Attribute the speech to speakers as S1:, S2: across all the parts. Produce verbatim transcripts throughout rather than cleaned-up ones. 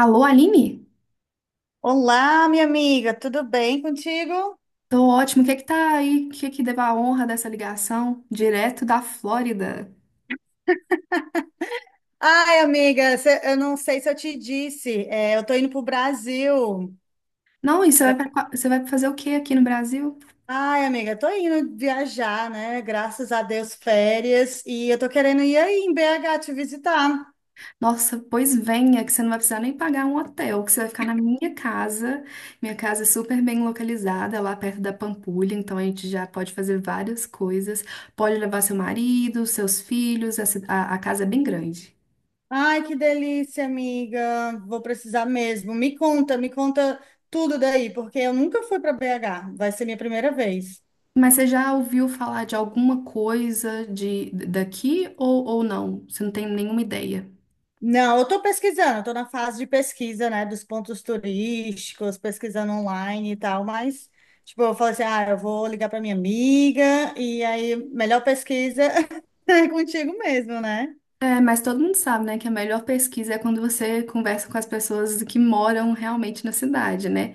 S1: Alô, Aline?
S2: Olá, minha amiga, tudo bem contigo?
S1: Tô ótimo. O que é que tá aí? O que é que deu a honra dessa ligação? Direto da Flórida.
S2: Ai, amiga, cê- eu não sei se eu te disse, é, eu tô indo pro Brasil.
S1: Não, e você vai, pra- você vai fazer o quê aqui no Brasil?
S2: Ai, amiga, tô indo viajar, né? Graças a Deus, férias, e eu tô querendo ir aí em B H te visitar.
S1: Nossa, pois venha, que você não vai precisar nem pagar um hotel, que você vai ficar na minha casa. Minha casa é super bem localizada, lá perto da Pampulha, então a gente já pode fazer várias coisas. Pode levar seu marido, seus filhos, a, ci- a a casa é bem grande.
S2: Ai, que delícia, amiga, vou precisar mesmo. Me conta, me conta tudo daí, porque eu nunca fui para B H, vai ser minha primeira vez.
S1: Mas você já ouviu falar de alguma coisa de daqui ou, ou não? Você não tem nenhuma ideia?
S2: Não, eu estou pesquisando, estou na fase de pesquisa, né, dos pontos turísticos, pesquisando online e tal, mas, tipo, eu falei assim, ah, eu vou ligar para minha amiga, e aí, melhor pesquisa é contigo mesmo, né?
S1: É, mas todo mundo sabe, né, que a melhor pesquisa é quando você conversa com as pessoas que moram realmente na cidade, né?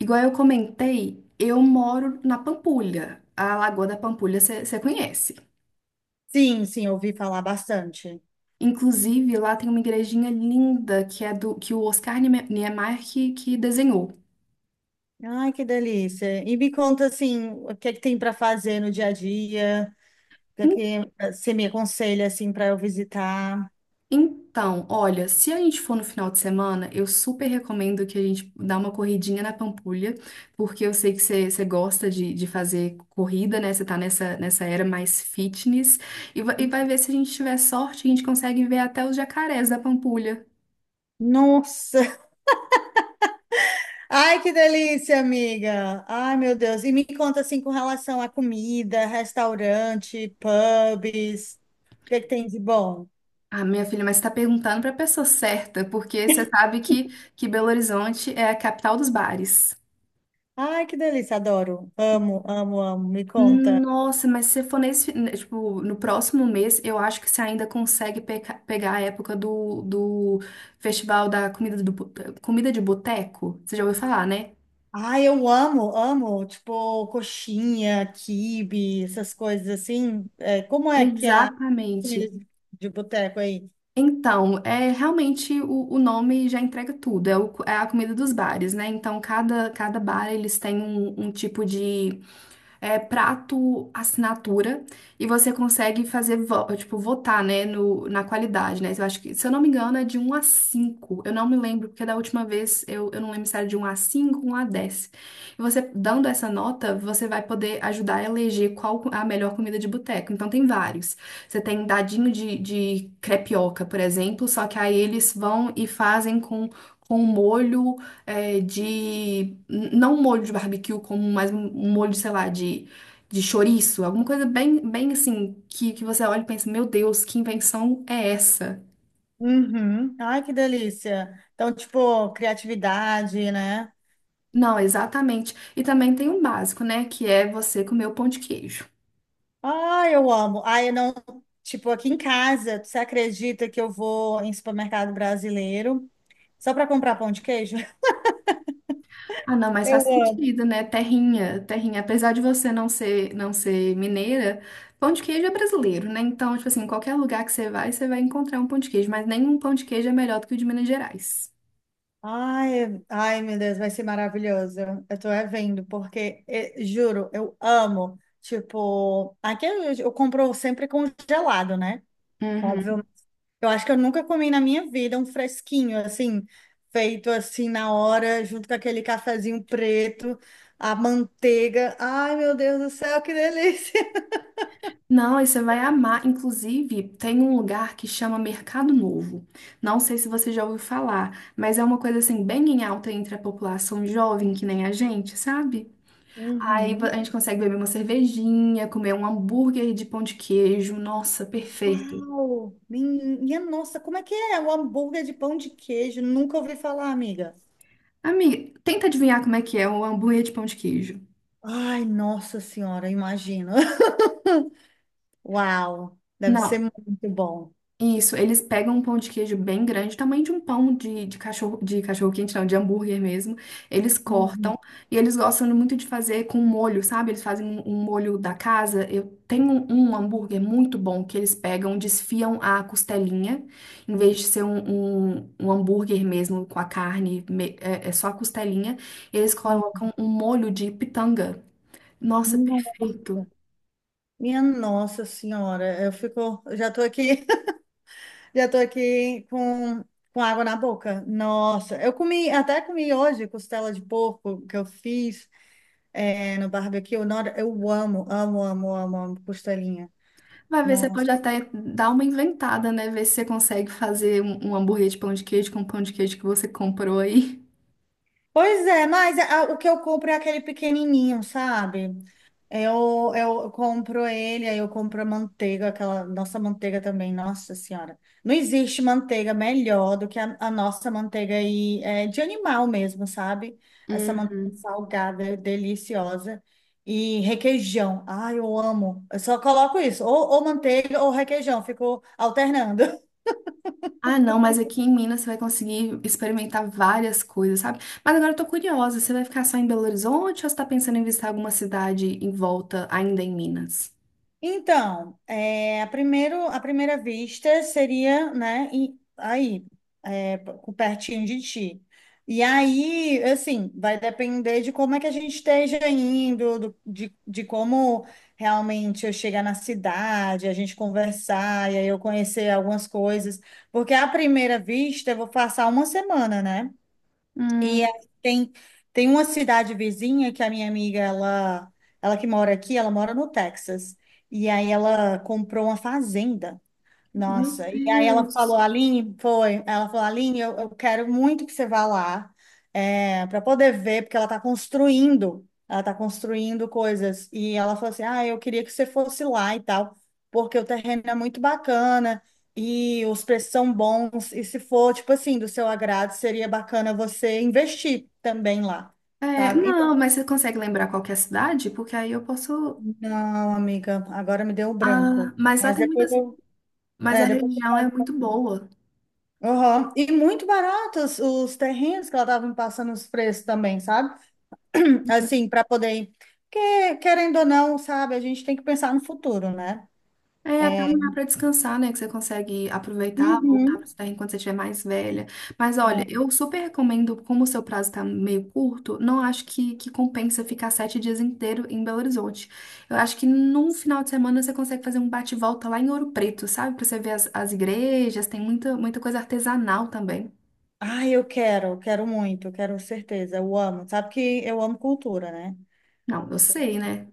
S1: Igual eu comentei, eu moro na Pampulha, a Lagoa da Pampulha você conhece.
S2: Sim, sim, ouvi falar bastante.
S1: Inclusive, lá tem uma igrejinha linda que é do que o Oscar Niemeyer que, que desenhou.
S2: Ai, que delícia. E me conta, assim, o que é que tem para fazer no dia a dia, o que é que eh, você me aconselha, assim, para eu visitar?
S1: Então, olha, se a gente for no final de semana, eu super recomendo que a gente dá uma corridinha na Pampulha, porque eu sei que você você gosta de, de fazer corrida, né? Você tá nessa, nessa era mais fitness. E, va- e vai ver se a gente tiver sorte, a gente consegue ver até os jacarés da Pampulha.
S2: Nossa! Ai, que delícia, amiga. Ai, meu Deus. E me conta assim com relação à comida, restaurante, pubs. O que que tem de bom?
S1: Ah, minha filha, mas você tá perguntando pra pessoa certa, porque você sabe que, que Belo Horizonte é a capital dos bares.
S2: Ai, que delícia, adoro. Amo, amo, amo. Me conta.
S1: Nossa, mas se for nesse, né, tipo, no próximo mês, eu acho que você ainda consegue peca- pegar a época do, do festival da comida, do, bo- comida de boteco. Você já ouviu falar, né?
S2: Ai, eu amo, amo. Tipo, coxinha, quibe, essas coisas assim. É, como é que é a comida
S1: Exatamente.
S2: de de boteco aí?
S1: Então, é realmente o, o nome já entrega tudo. É, o- é a comida dos bares, né? Então, cada, cada bar eles têm um, um tipo de é, prato assinatura e você consegue fazer, vo- tipo, votar, né, no, na qualidade, né? Eu acho que, se eu não me engano, é de um a cinco. Eu não me lembro, porque da última vez eu, eu não lembro se era de um a cinco, um a dez. E você, dando essa nota, você vai poder ajudar a eleger qual a melhor comida de boteco. Então, tem vários. Você tem dadinho de, de crepioca, por exemplo, só que aí eles vão e fazem com, com molho é, de. Não um molho de barbecue, como mais um um molho, sei lá, de, de chouriço. Alguma coisa bem, bem assim, que, que você olha e pensa: meu Deus, que invenção é essa?
S2: Uhum. Ai, que delícia. Então, tipo, criatividade, né?
S1: Não, exatamente. E também tem um básico, né? Que é você comer o pão de queijo.
S2: Ah, eu amo. Ah, eu não. Tipo, aqui em casa, você acredita que eu vou em supermercado brasileiro só para comprar pão de queijo?
S1: Ah, não, mas
S2: Eu
S1: faz
S2: amo.
S1: sentido, né? Terrinha, terrinha. Apesar de você não ser, não ser mineira, pão de queijo é brasileiro, né? Então, tipo assim, qualquer lugar que você vai, você vai encontrar um pão de queijo, mas nenhum pão de queijo é melhor do que o de Minas Gerais.
S2: Ai, ai, meu Deus, vai ser maravilhoso. Eu tô é vendo, porque, eh, juro, eu amo. Tipo, aqui eu, eu compro sempre congelado, né?
S1: Uhum.
S2: Óbvio. Eu acho que eu nunca comi na minha vida um fresquinho, assim, feito assim na hora, junto com aquele cafezinho preto, a manteiga. Ai, meu Deus do céu, que delícia!
S1: Não, aí você vai amar. Inclusive, tem um lugar que chama Mercado Novo. Não sei se você já ouviu falar, mas é uma coisa assim bem em alta entre a população jovem, que nem a gente, sabe? Aí vo- a
S2: Uhum.
S1: gente consegue beber uma cervejinha, comer um hambúrguer de pão de queijo. Nossa, perfeito.
S2: Uau! Minha nossa, como é que é? O hambúrguer de pão de queijo? Nunca ouvi falar, amiga.
S1: Amiga, tenta adivinhar como é que é o hambúrguer de pão de queijo.
S2: Ai, nossa senhora, imagina. Uau! Deve ser
S1: Não,
S2: muito bom.
S1: isso, eles pegam um pão de queijo bem grande, tamanho de um pão de, de cachorro, de cachorro quente, não, de hambúrguer mesmo. Eles cortam
S2: Uhum.
S1: e eles gostam muito de fazer com molho, sabe? Eles fazem um, um molho da casa. Eu tenho um, um hambúrguer muito bom que eles pegam, desfiam a costelinha, em vez de ser um, um, um hambúrguer mesmo com a carne, me- é, é só a costelinha. Eles colocam um molho de pitanga. Nossa,
S2: Nossa.
S1: perfeito.
S2: Minha nossa senhora, eu fico, eu já tô aqui. Já tô aqui com, com água na boca. Nossa, eu comi, até comi hoje costela de porco que eu fiz é, no barbecue. Nossa, eu amo, amo, amo, amo, amo costelinha.
S1: Vai ver, você pode até dar uma inventada, né? Ver se você consegue fazer um, um hambúrguer de pão de queijo com o pão de queijo que você comprou aí.
S2: Pois é, mas a- o que eu compro é aquele pequenininho, sabe? Eu, eu compro ele, aí eu compro a manteiga, aquela nossa manteiga também, nossa senhora. Não existe manteiga melhor do que a, a nossa manteiga aí, é, de animal mesmo, sabe? Essa manteiga
S1: Uhum.
S2: salgada, deliciosa. E requeijão, ai, eu amo. Eu só coloco isso, ou, ou manteiga ou requeijão, fico alternando.
S1: Ah, não, mas aqui em Minas você vai conseguir experimentar várias coisas, sabe? Mas agora eu tô curiosa, você vai ficar só em Belo Horizonte ou você tá pensando em visitar alguma cidade em volta ainda em Minas?
S2: Então, é, a primeiro, a primeira vista seria, né, em- aí, é, p- pertinho de ti. E aí, assim, vai depender de como é que a gente esteja indo, do- de, de como realmente eu chegar na cidade, a gente conversar, e aí eu conhecer algumas coisas. Porque à primeira vista eu vou passar uma semana, né?
S1: Hum.
S2: E aí tem, tem uma cidade vizinha que a minha amiga, ela, ela que mora aqui, ela mora no Texas. E aí ela comprou uma fazenda.
S1: Meu
S2: Nossa, e aí ela falou,
S1: Deus.
S2: Aline, foi, ela falou, Aline, eu, eu quero muito que você vá lá para poder ver, porque ela está construindo, ela está construindo coisas. E ela falou assim, ah, eu queria que você fosse lá e tal, porque o terreno é muito bacana e os preços são bons, e se for, tipo assim, do seu agrado, seria bacana você investir também lá,
S1: É,
S2: sabe? Então,
S1: não, mas você consegue lembrar qual que é a cidade? Porque aí eu posso.
S2: não, amiga, agora me deu um branco.
S1: Ah, mas lá
S2: Mas
S1: tem
S2: depois
S1: muitas.
S2: eu,
S1: Mas
S2: é,
S1: a
S2: depois eu
S1: região é muito boa.
S2: Aham. E muito baratos os terrenos que ela estava me passando os preços também, sabe? Assim, para poder. Porque, querendo ou não, sabe, a gente tem que pensar no futuro, né?
S1: É até um
S2: É.
S1: lugar para descansar, né? Que você consegue aproveitar, voltar para
S2: Uhum.
S1: terra enquanto você estiver mais velha. Mas olha, eu super recomendo, como o seu prazo está meio curto, não acho que, que compensa ficar sete dias inteiro em Belo Horizonte. Eu acho que num final de semana você consegue fazer um bate-volta lá em Ouro Preto, sabe? Para você ver as, as igrejas, tem muita, muita coisa artesanal também.
S2: Ai, eu quero, eu quero muito, eu quero certeza, eu amo. Sabe que eu amo cultura, né?
S1: Não, eu sei, né?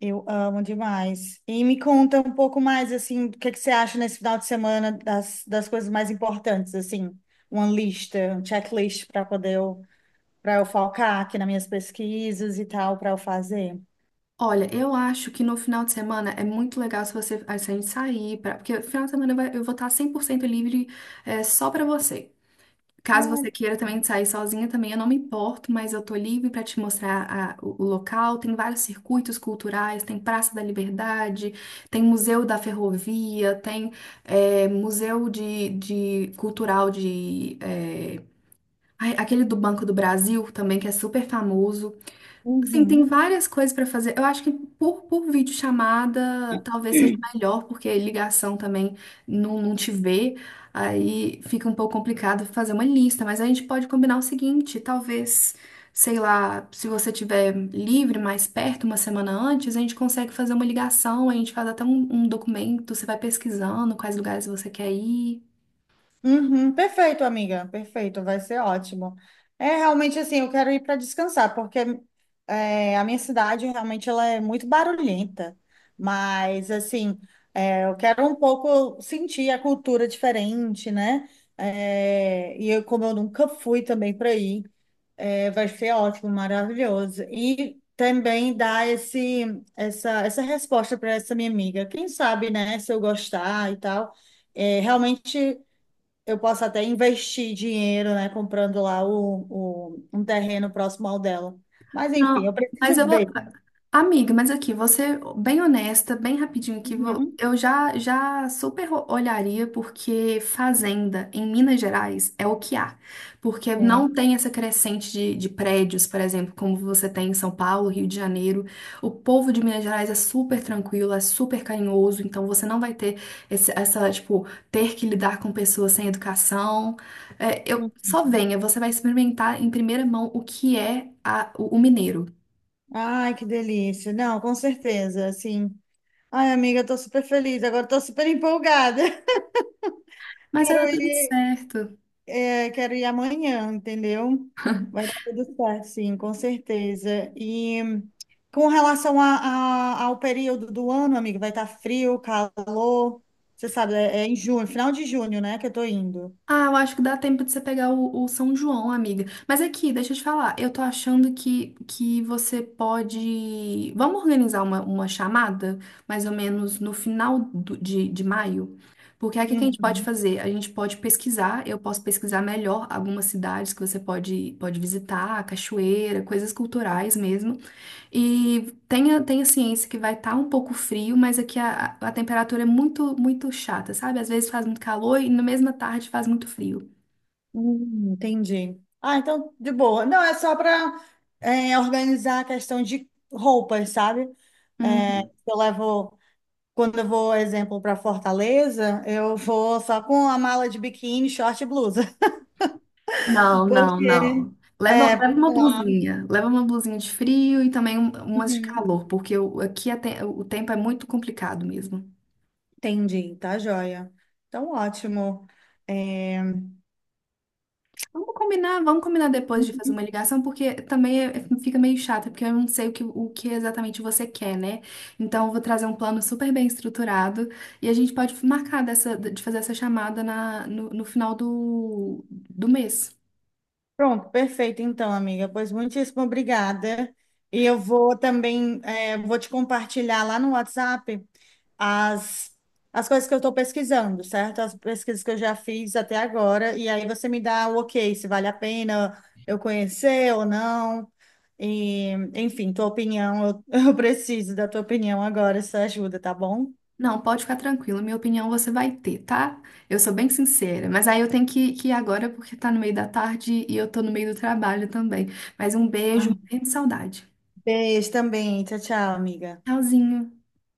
S2: Eu amo demais. E me conta um pouco mais, assim, o que que você acha nesse final de semana das, das coisas mais importantes, assim, uma lista, um checklist para poder eu para eu focar aqui nas minhas pesquisas e tal, para eu fazer.
S1: Olha, eu acho que no final de semana é muito legal se você, se a gente sair, pra, porque no final de semana eu vai- eu vou estar cem por cento livre, é, só pra você. Caso você
S2: Ah,
S1: queira também sair sozinha, também eu não me importo, mas eu tô livre para te mostrar a- o, o local. Tem vários circuitos culturais, tem Praça da Liberdade, tem Museu da Ferrovia, tem é, Museu de, de Cultural de é, ai, aquele do Banco do Brasil também que é super famoso. Sim, tem
S2: uhum.
S1: várias coisas para fazer. Eu acho que por, por videochamada talvez seja melhor, porque ligação também não, não te vê, aí fica um pouco complicado fazer uma lista, mas a gente pode combinar o seguinte, talvez, sei lá, se você tiver livre mais perto, uma semana antes, a gente consegue fazer uma ligação, a gente faz até um, um documento, você vai pesquisando quais lugares você quer ir.
S2: Uhum, perfeito, amiga, perfeito, vai ser ótimo. É realmente assim, eu quero ir para descansar, porque é, a minha cidade realmente ela é muito barulhenta, mas assim, é, eu quero um pouco sentir a cultura diferente, né? É, e eu, como eu nunca fui também para aí, é, vai ser ótimo, maravilhoso. E também dar esse, essa, essa resposta para essa minha amiga. Quem sabe, né, se eu gostar e tal, é, realmente eu posso até investir dinheiro, né, comprando lá o, o- um terreno próximo ao dela. Mas enfim, eu
S1: Não, mas
S2: preciso
S1: eu vou.
S2: ver.
S1: Amiga, mas aqui, você bem honesta, bem rapidinho aqui, vo-
S2: Uhum.
S1: eu já já super olharia porque fazenda em Minas Gerais é o que há. Porque não
S2: É.
S1: tem essa crescente de, de prédios, por exemplo, como você tem em São Paulo, Rio de Janeiro. O povo de Minas Gerais é super tranquilo, é super carinhoso, então você não vai ter esse- essa, tipo, ter que lidar com pessoas sem educação. É, eu, só
S2: Uhum.
S1: venha, você vai experimentar em primeira mão o que é a- o o mineiro.
S2: Ai, que delícia. Não, com certeza, assim. Ai, amiga, eu tô super feliz. Agora eu tô super empolgada.
S1: Mas era
S2: Quero
S1: tudo
S2: ir.
S1: certo.
S2: É, quero ir amanhã, entendeu? Vai dar tudo certo, sim, com certeza. E com relação a, a- ao período do ano, amigo, vai estar frio, calor. Você sabe, é, é em junho, final de junho, né, que eu tô indo.
S1: Ah, eu acho que dá tempo de você pegar o, o São João, amiga. Mas aqui, deixa eu te falar, eu tô achando que, que você pode. Vamos organizar uma, uma chamada, mais ou menos no final do- de, de maio? Porque aí o que que a gente pode
S2: Uhum.
S1: fazer? A gente pode pesquisar, eu posso pesquisar melhor algumas cidades que você pode, pode visitar, cachoeira, coisas culturais mesmo. E tenha, tenha ciência que vai estar um pouco frio, mas aqui a, a temperatura é muito, muito chata, sabe? Às vezes faz muito calor e na mesma tarde faz muito frio.
S2: Hum, entendi. Ah, então, de boa. Não, é só para organizar a questão de roupas, sabe? É,
S1: Uhum.
S2: eu levo. Quando eu vou, exemplo, para Fortaleza, eu vou só com a mala de biquíni, short e blusa.
S1: Não, não,
S2: Porque,
S1: não. Leva,
S2: é,
S1: leva
S2: porque
S1: uma
S2: lá.
S1: blusinha. Leva uma blusinha de frio e também um- umas de
S2: Uhum,
S1: calor, porque o- aqui a te- o tempo é muito complicado mesmo.
S2: entendi, tá joia. Então, ótimo. É,
S1: Vamos combinar, vamos combinar depois de fazer uma ligação, porque também é- fica meio chato, porque eu não sei o que, o que exatamente você quer, né? Então, eu vou trazer um plano super bem estruturado e a gente pode marcar dessa, de fazer essa chamada na, no, no final do, do mês.
S2: pronto, perfeito então, amiga. Pois muitíssimo obrigada. E eu vou também, é, vou te compartilhar lá no WhatsApp as, as coisas que eu estou pesquisando, certo? As pesquisas que eu já fiz até agora. E aí você me dá o ok, se vale a pena eu conhecer ou não. E, enfim, tua opinião, eu, eu preciso da tua opinião agora, essa ajuda, tá bom?
S1: Não, pode ficar tranquilo, minha opinião você vai ter, tá? Eu sou bem sincera, mas aí eu tenho que, que ir agora porque tá no meio da tarde e eu tô no meio do trabalho também. Mas um beijo,
S2: Ah,
S1: morrendo de saudade.
S2: beijo também. Tchau, tchau, amiga.
S1: Tchauzinho.